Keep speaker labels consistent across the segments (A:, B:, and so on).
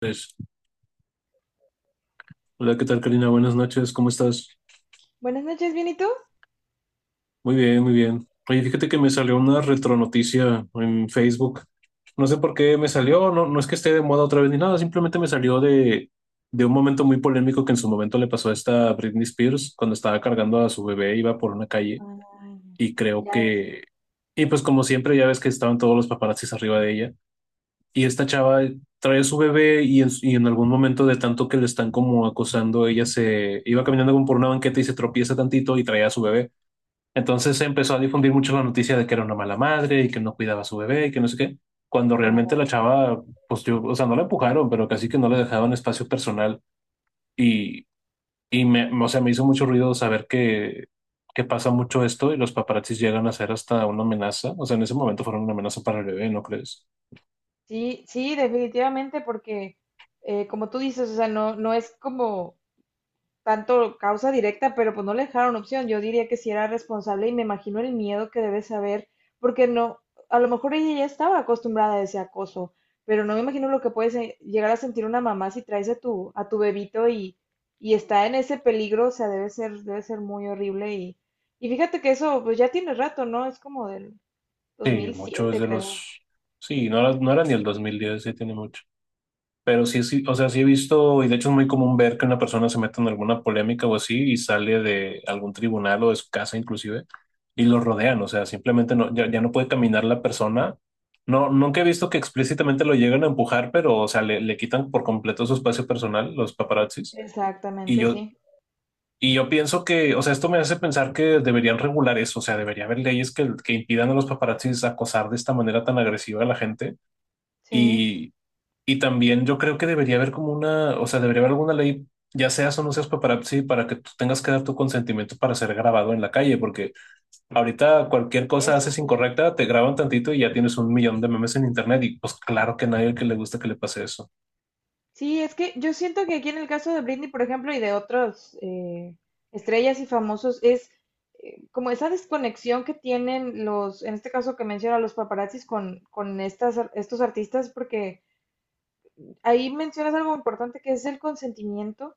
A: Pues, hola, ¿qué tal, Karina? Buenas noches, ¿cómo estás?
B: Buenas noches, ¿bien y tú?
A: Muy bien, muy bien. Oye, fíjate que me salió una retronoticia en Facebook. No sé por qué me salió, no, no es que esté de moda otra vez ni nada, simplemente me salió de un momento muy polémico que en su momento le pasó a esta Britney Spears cuando estaba cargando a su bebé, iba por una calle
B: Ay,
A: y creo
B: ya, ya sé.
A: que. Y pues como siempre, ya ves que estaban todos los paparazzis arriba de ella. Y esta chava trae a su bebé y en algún momento de tanto que le están como acosando, ella se iba caminando como por una banqueta y se tropieza tantito y traía a su bebé. Entonces se empezó a difundir mucho la noticia de que era una mala madre y que no cuidaba a su bebé y que no sé qué. Cuando
B: Ah,
A: realmente la
B: vale.
A: chava, pues yo, o sea, no la empujaron, pero casi que no le dejaban espacio personal. Y, y me, o sea, me hizo mucho ruido saber que pasa mucho esto y los paparazzis llegan a ser hasta una amenaza. O sea, en ese momento fueron una amenaza para el bebé, ¿no crees?
B: Sí, sí, definitivamente, porque como tú dices, o sea, no, no es como tanto causa directa, pero pues no le dejaron opción. Yo diría que si era responsable y me imagino el miedo que debe saber, porque no, a lo mejor ella ya estaba acostumbrada a ese acoso, pero no me imagino lo que puede llegar a sentir una mamá si traes a tu bebito y, está en ese peligro, o sea, debe ser muy horrible y fíjate que eso pues ya tiene rato, ¿no? Es como del dos
A: Sí,
B: mil
A: mucho es
B: siete
A: de
B: creo.
A: los. Sí, no era ni el 2010, sí tiene mucho. Pero sí, sí, o sea, sí he visto, y de hecho es muy común ver que una persona se mete en alguna polémica o así y sale de algún tribunal o de su casa inclusive y lo rodean, o sea, simplemente no, ya, ya no puede caminar la persona. No, nunca he visto que explícitamente lo lleguen a empujar, pero, o sea, le quitan por completo su espacio personal, los paparazzis. Y
B: Exactamente,
A: yo,
B: sí.
A: y yo pienso que, o sea, esto me hace pensar que deberían regular eso, o sea, debería haber leyes que impidan a los paparazzis acosar de esta manera tan agresiva a la gente.
B: Sí.
A: Y, y también yo creo que debería haber como una, o sea, debería haber alguna ley, ya seas o no seas paparazzi, para que tú tengas que dar tu consentimiento para ser grabado en la calle, porque ahorita cualquier cosa haces incorrecta, te graban tantito y ya tienes un millón de memes en internet y pues claro que a nadie que le gusta que le pase eso.
B: Sí, es que yo siento que aquí en el caso de Britney, por ejemplo, y de otros estrellas y famosos, es como esa desconexión que tienen los, en este caso que menciona los paparazzis con estos artistas, porque ahí mencionas algo importante que es el consentimiento.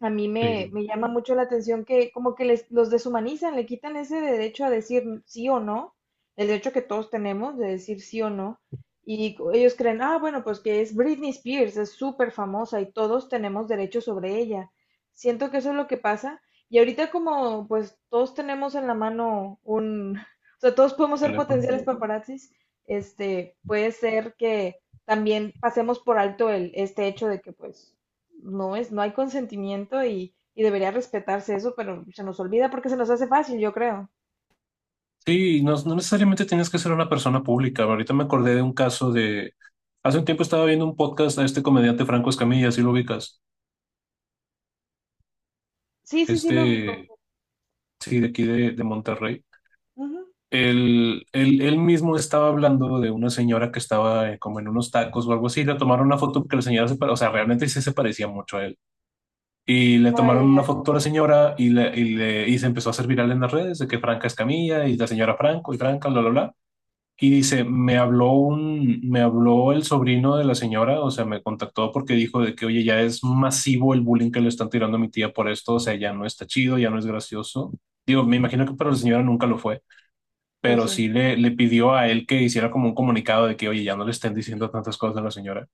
B: A mí me,
A: Sí.
B: me llama mucho la atención que como que les, los deshumanizan, le quitan ese derecho a decir sí o no, el derecho que todos tenemos de decir sí o no. Ellos creen, ah, bueno, pues que es Britney Spears, es súper famosa y todos tenemos derecho sobre ella. Siento que eso es lo que pasa. Y ahorita como pues todos tenemos en la mano un, o sea, todos podemos ser potenciales paparazzis, este, puede ser que también pasemos por alto el, este hecho de que pues no es, no hay consentimiento y, debería respetarse eso, pero se nos olvida porque se nos hace fácil, yo creo.
A: Sí, no, no necesariamente tienes que ser una persona pública. Ahorita me acordé de un caso de. Hace un tiempo estaba viendo un podcast a este comediante Franco Escamilla, si lo ubicas.
B: Sí, sí, sí, lo ubico.
A: Este, sí, de aquí de Monterrey.
B: Ujú.
A: Él mismo estaba hablando de una señora que estaba como en unos tacos o algo así. Le tomaron una foto porque la señora se parecía, o sea, realmente sí se parecía mucho a él. Y le
B: Ah, ya,
A: tomaron una
B: ya.
A: foto a la señora y se empezó a hacer viral en las redes de que Franca Escamilla y la señora Franco y Franca, bla, bla, bla. Y dice, me habló el sobrino de la señora, o sea, me contactó porque dijo de que, oye, ya es masivo el bullying que le están tirando a mi tía por esto, o sea, ya no está chido, ya no es gracioso. Digo, me imagino que para la señora nunca lo fue,
B: Pues
A: pero
B: sí,
A: sí le pidió a él que hiciera como un comunicado de que, oye, ya no le estén diciendo tantas cosas a la señora.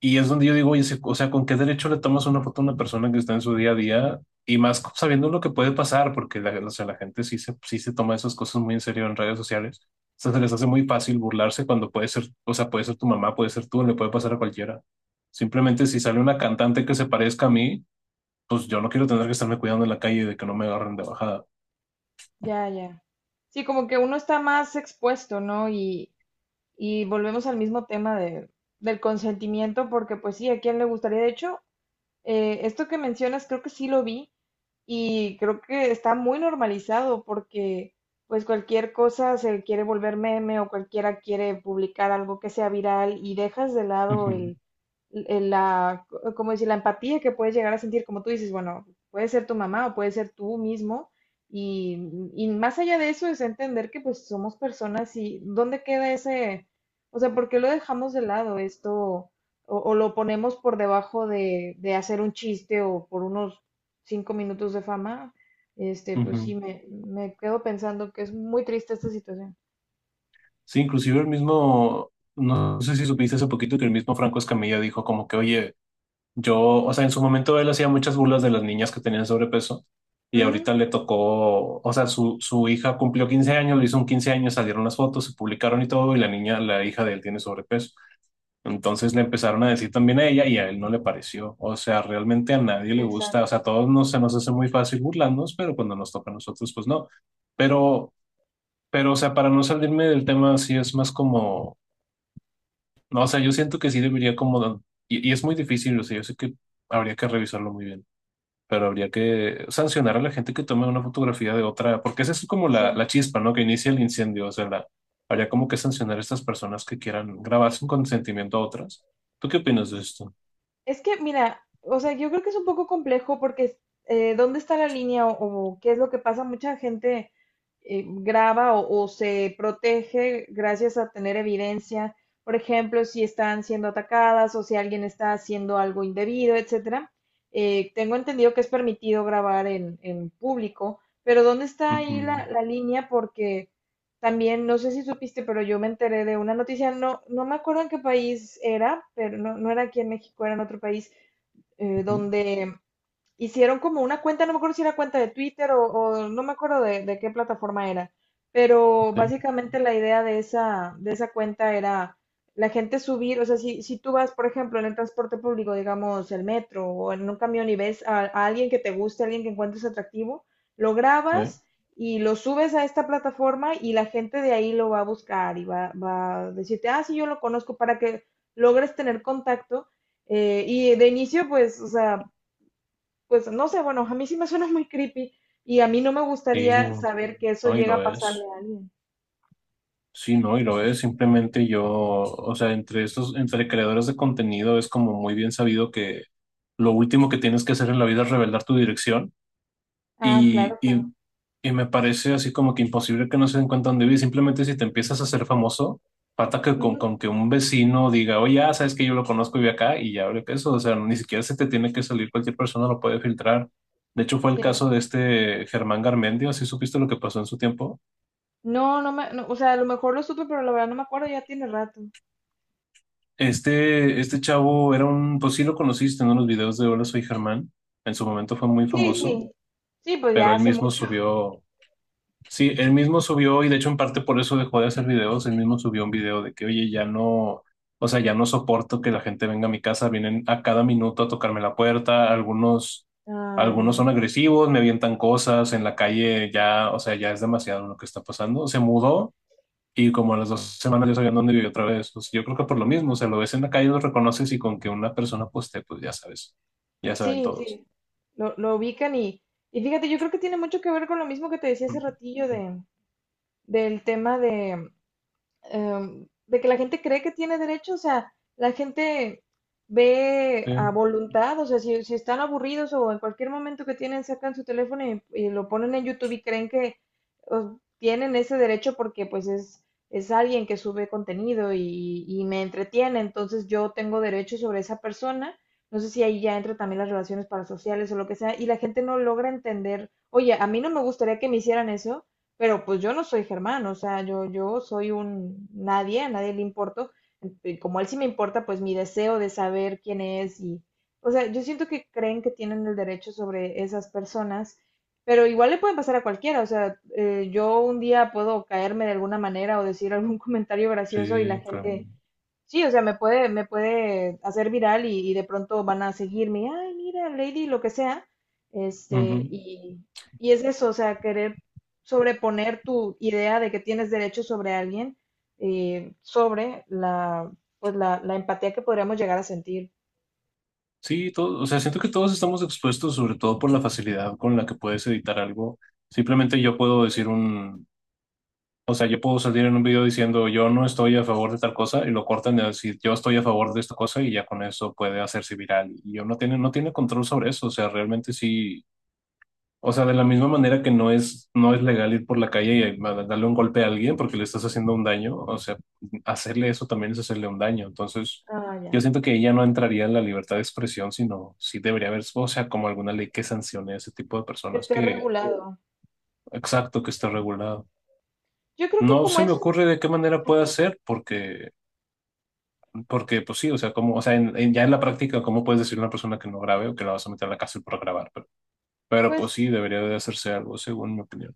A: Y es donde yo digo, oye, se- o sea, ¿con qué derecho le tomas una foto a una persona que está en su día a día? Y más sabiendo lo que puede pasar, porque la, o sea, la gente sí se toma esas cosas muy en serio en redes sociales. O sea, se les hace muy fácil burlarse cuando puede ser, o sea, puede ser tu mamá, puede ser tú, le puede pasar a cualquiera. Simplemente si sale una cantante que se parezca a mí, pues yo no quiero tener que estarme cuidando en la calle de que no me agarren de bajada.
B: ya, ya. Sí, como que uno está más expuesto, ¿no? y, volvemos al mismo tema del consentimiento, porque pues sí, ¿a quién le gustaría? De hecho, esto que mencionas, creo que sí lo vi. Y creo que está muy normalizado porque pues cualquier cosa se quiere volver meme o cualquiera quiere publicar algo que sea viral y dejas de lado
A: Ujú,
B: el la, como decir, la empatía que puedes llegar a sentir, como tú dices, bueno, puede ser tu mamá o puede ser tú mismo, y, y, más allá de eso es entender que pues somos personas y dónde queda ese, o sea, ¿por qué lo dejamos de lado esto o lo ponemos por debajo de hacer un chiste o por unos 5 minutos de fama? Pues
A: ujú.
B: sí, me quedo pensando que es muy triste esta situación.
A: Sí, inclusive el mismo, no sé si supiste hace poquito que el mismo Franco Escamilla dijo como que, oye, yo, o sea, en su momento él hacía muchas burlas de las niñas que tenían sobrepeso y
B: Ujú.
A: ahorita le tocó, o sea, su hija cumplió 15 años, le hizo un 15 años, salieron las fotos, se publicaron y todo y la niña, la hija de él tiene sobrepeso. Entonces le empezaron a decir también a ella y a él no le pareció. O sea, realmente a nadie le gusta, o
B: Exacto,
A: sea, a todos nos, se nos hace muy fácil burlarnos, pero cuando nos toca a nosotros, pues no. Pero, pero, o sea, para no salirme del tema, sí es más como, no, o sea, yo siento que sí debería como, y es muy difícil, o sea, yo sé que habría que revisarlo muy bien, pero habría que sancionar a la gente que tome una fotografía de otra, porque esa es como la,
B: sí.
A: la chispa, ¿no? Que inicia el incendio, o sea, la- habría como que sancionar a estas personas que quieran grabar sin consentimiento a otras. ¿Tú qué opinas de esto?
B: Es que, mira, o sea, yo creo que es un poco complejo porque ¿dónde está la línea o qué es lo que pasa? Mucha gente graba o se protege gracias a tener evidencia, por ejemplo, si están siendo atacadas o si alguien está haciendo algo indebido, etcétera. Tengo entendido que es permitido grabar en público, pero ¿dónde está ahí
A: Ujú,
B: la línea? Porque también, no sé si supiste, pero yo me enteré de una noticia, no, no me acuerdo en qué país era, pero no, no era aquí en México, era en otro país,
A: ujú,
B: donde hicieron como una cuenta, no me acuerdo si era cuenta de Twitter o no me acuerdo de qué plataforma era, pero
A: ok,
B: básicamente la idea de esa cuenta era la gente subir, o sea, si tú vas, por ejemplo, en el transporte público, digamos, el metro o en un camión y ves a alguien que te guste, a alguien que encuentres atractivo, lo
A: ok.
B: grabas y lo subes a esta plataforma y la gente de ahí lo va a buscar y va a decirte, ah, sí, yo lo conozco para que logres tener contacto. Y de inicio, pues, o sea, pues no sé, bueno, a mí sí me suena muy creepy y a mí no me
A: Sí,
B: gustaría saber que eso
A: no, y
B: llega
A: lo
B: a pasarle
A: es.
B: a alguien.
A: Sí, no, y lo es. Simplemente yo, o sea, entre estos, entre creadores de contenido es como muy bien sabido que lo último que tienes que hacer en la vida es revelar tu dirección.
B: Ah,
A: Y,
B: claro, claro.
A: y, y me parece así como que imposible que no se den cuenta dónde vive. Simplemente si te empiezas a hacer famoso, falta que con,
B: Ujú,
A: con que un vecino diga, oye, ah, sabes que yo lo conozco y vive acá y ya abre peso. O sea, ni siquiera se te tiene que salir, cualquier persona lo puede filtrar. De hecho, fue el
B: sí.
A: caso de este Germán Garmendia, si supiste lo que pasó en su tiempo.
B: No, no me, no, o sea, a lo mejor lo supe, pero la verdad no me acuerdo, ya tiene rato.
A: Este chavo era un, pues sí lo conociste, ¿no? En unos videos de Hola, soy Germán. En su momento fue muy
B: Sí,
A: famoso,
B: sí, sí, pues
A: pero
B: ya
A: él
B: hace
A: mismo
B: mucho.
A: subió. Sí, él mismo subió, y de hecho en parte por eso dejó de hacer videos, él mismo subió un video de que, oye, ya no, o sea, ya no soporto que la gente venga a mi casa, vienen a cada minuto a tocarme la puerta, algunos,
B: Ah,
A: algunos
B: ya,
A: son
B: ya.
A: agresivos, me avientan cosas en la calle, ya, o sea, ya es demasiado lo que está pasando. Se mudó y como a las 2 semanas ya sabía dónde vivía otra vez. Pues, yo creo que por lo mismo, o
B: Ah,
A: sea, lo ves en la calle, lo reconoces y con que una persona poste, pues ya sabes, ya saben
B: sí,
A: todos.
B: sí, lo ubican y, fíjate, yo creo que tiene mucho que ver con lo mismo que te decía hace
A: Ujú.
B: ratillo del tema de, de que la gente cree que tiene derecho, o sea, la gente ve a
A: Sí,
B: voluntad, o sea, si están aburridos o en cualquier momento que tienen, sacan su teléfono y, lo ponen en YouTube y creen que tienen ese derecho porque pues es alguien que sube contenido y me entretiene, entonces yo tengo derecho sobre esa persona. No sé si ahí ya entra también las relaciones parasociales o lo que sea, y la gente no logra entender, oye, a mí no me gustaría que me hicieran eso, pero pues yo no soy Germán, o sea, yo soy un nadie, a nadie le importo. Y como él sí me importa, pues mi deseo de saber quién es y, o sea, yo siento que creen que tienen el derecho sobre esas personas, pero igual le pueden pasar a cualquiera, o sea, yo un día puedo caerme de alguna manera o decir algún comentario gracioso y la
A: sí,
B: gente. Sí, o sea, me puede hacer viral y, de pronto van a seguirme, ay, mira, Lady, lo que sea. Este,
A: claro.
B: y, y es eso, o sea, querer sobreponer tu idea de que tienes derecho sobre alguien, sobre pues la empatía que podríamos llegar a sentir.
A: Sí, todo, o sea, siento que todos estamos expuestos, sobre todo por la facilidad con la que puedes editar algo. Simplemente yo puedo
B: Ujú.
A: decir un, o sea, yo puedo salir en un video diciendo yo no estoy a favor de tal cosa y lo cortan de decir yo estoy a favor de esta cosa y ya con eso puede hacerse viral. Y yo no tiene control sobre eso, o sea, realmente sí. O sea, de la misma manera que no es legal ir por la calle y ma- darle un golpe a alguien porque le estás haciendo un daño, o sea, hacerle eso también es hacerle un daño. Entonces,
B: Ah,
A: yo
B: ya,
A: siento que ella no entraría en la libertad de expresión, sino sí debería haber, o sea, como alguna ley que sancione a ese tipo de
B: que
A: personas
B: esté
A: que,
B: regulado.
A: exacto, que está regulado.
B: Yo creo que
A: No
B: como
A: se me
B: es,
A: ocurre de qué manera
B: Ay,
A: puede
B: perdón.
A: ser, porque, porque pues sí, o sea, como, o sea, en- ya en la práctica, ¿cómo puedes decir a una persona que no grabe o que la vas a meter a la cárcel por grabar? Pero pues sí,
B: Pues
A: debería de hacerse algo, según mi opinión.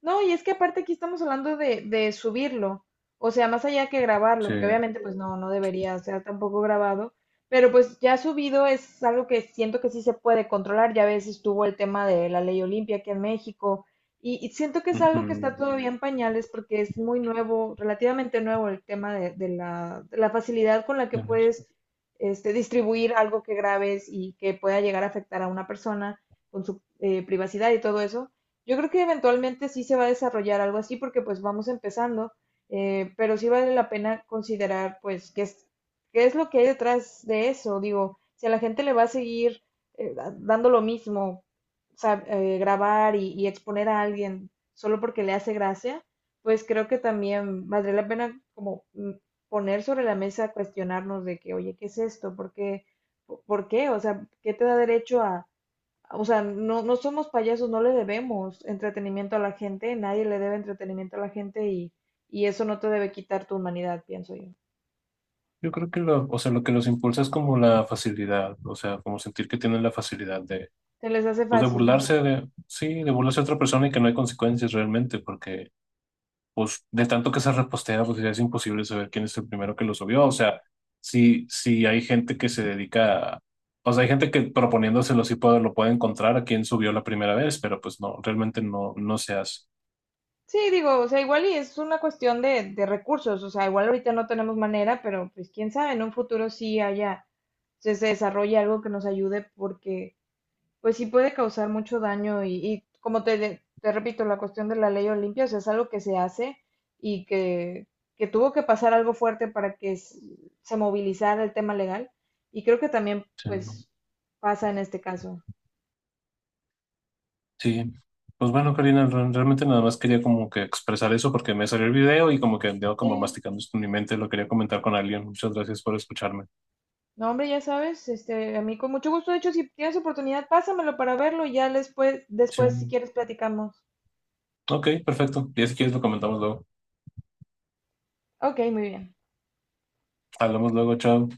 B: no, y es que aparte aquí estamos hablando de, subirlo, o sea, más allá que
A: Sí.
B: grabarlo, que obviamente pues no, no debería ser tampoco grabado, pero pues ya subido es algo que siento que sí se puede controlar, ya a veces estuvo el tema de la ley Olimpia aquí en México, y siento que es algo que está
A: Ujú,
B: todavía en pañales porque es muy nuevo, relativamente nuevo el tema de, de la facilidad con la que
A: bueno, sí.
B: puedes distribuir algo que grabes y que pueda llegar a afectar a una persona con su privacidad y todo eso. Yo creo que eventualmente sí se va a desarrollar algo así porque pues vamos empezando, pero sí vale la pena considerar pues qué es lo que hay detrás de eso. Digo, si a la gente le va a seguir dando lo mismo, grabar y, exponer a alguien solo porque le hace gracia, pues creo que también valdría la pena como poner sobre la mesa, cuestionarnos de que, oye, ¿qué es esto? ¿Por qué? ¿Por qué? O sea, ¿qué te da derecho a o sea, no, no somos payasos, no le debemos entretenimiento a la gente, nadie le debe entretenimiento a la gente y, eso no te debe quitar tu humanidad, pienso yo.
A: Yo creo que lo, o sea, lo que los impulsa es como la facilidad, o sea, como sentir que tienen la facilidad de,
B: Se les hace
A: pues de
B: fácil.
A: burlarse
B: Ajá.
A: de, sí, de burlarse de otra persona y que no hay consecuencias realmente, porque pues de tanto que se repostea, pues ya es imposible saber quién es el primero que lo subió, o sea, si hay gente que se dedica a, o sea, hay gente que proponiéndoselo sí puede, lo puede encontrar a quién subió la primera vez, pero pues no, realmente no, no se hace.
B: Sí, digo, o sea, igual y es una cuestión de recursos, o sea, igual ahorita no tenemos manera, pero pues quién sabe, en un futuro sí haya, se desarrolle algo que nos ayude porque pues sí puede causar mucho daño y como te repito, la cuestión de la ley Olimpia, o sea, es algo que se hace y que tuvo que pasar algo fuerte para que se movilizara el tema legal y creo que también
A: Sí.
B: pues pasa en este caso.
A: Sí, pues bueno, Karina, re- realmente nada más quería como que expresar eso porque me salió el video y como que andaba como
B: Sí,
A: masticando esto en mi mente, lo quería comentar con alguien. Muchas gracias por escucharme.
B: no hombre, ya sabes, a mí con mucho gusto, de hecho, si tienes oportunidad, pásamelo para verlo y ya después si
A: Sí.
B: quieres platicamos.
A: Ok, perfecto. Ya si quieres lo comentamos luego.
B: Ok, muy bien.
A: Hablamos luego, chao.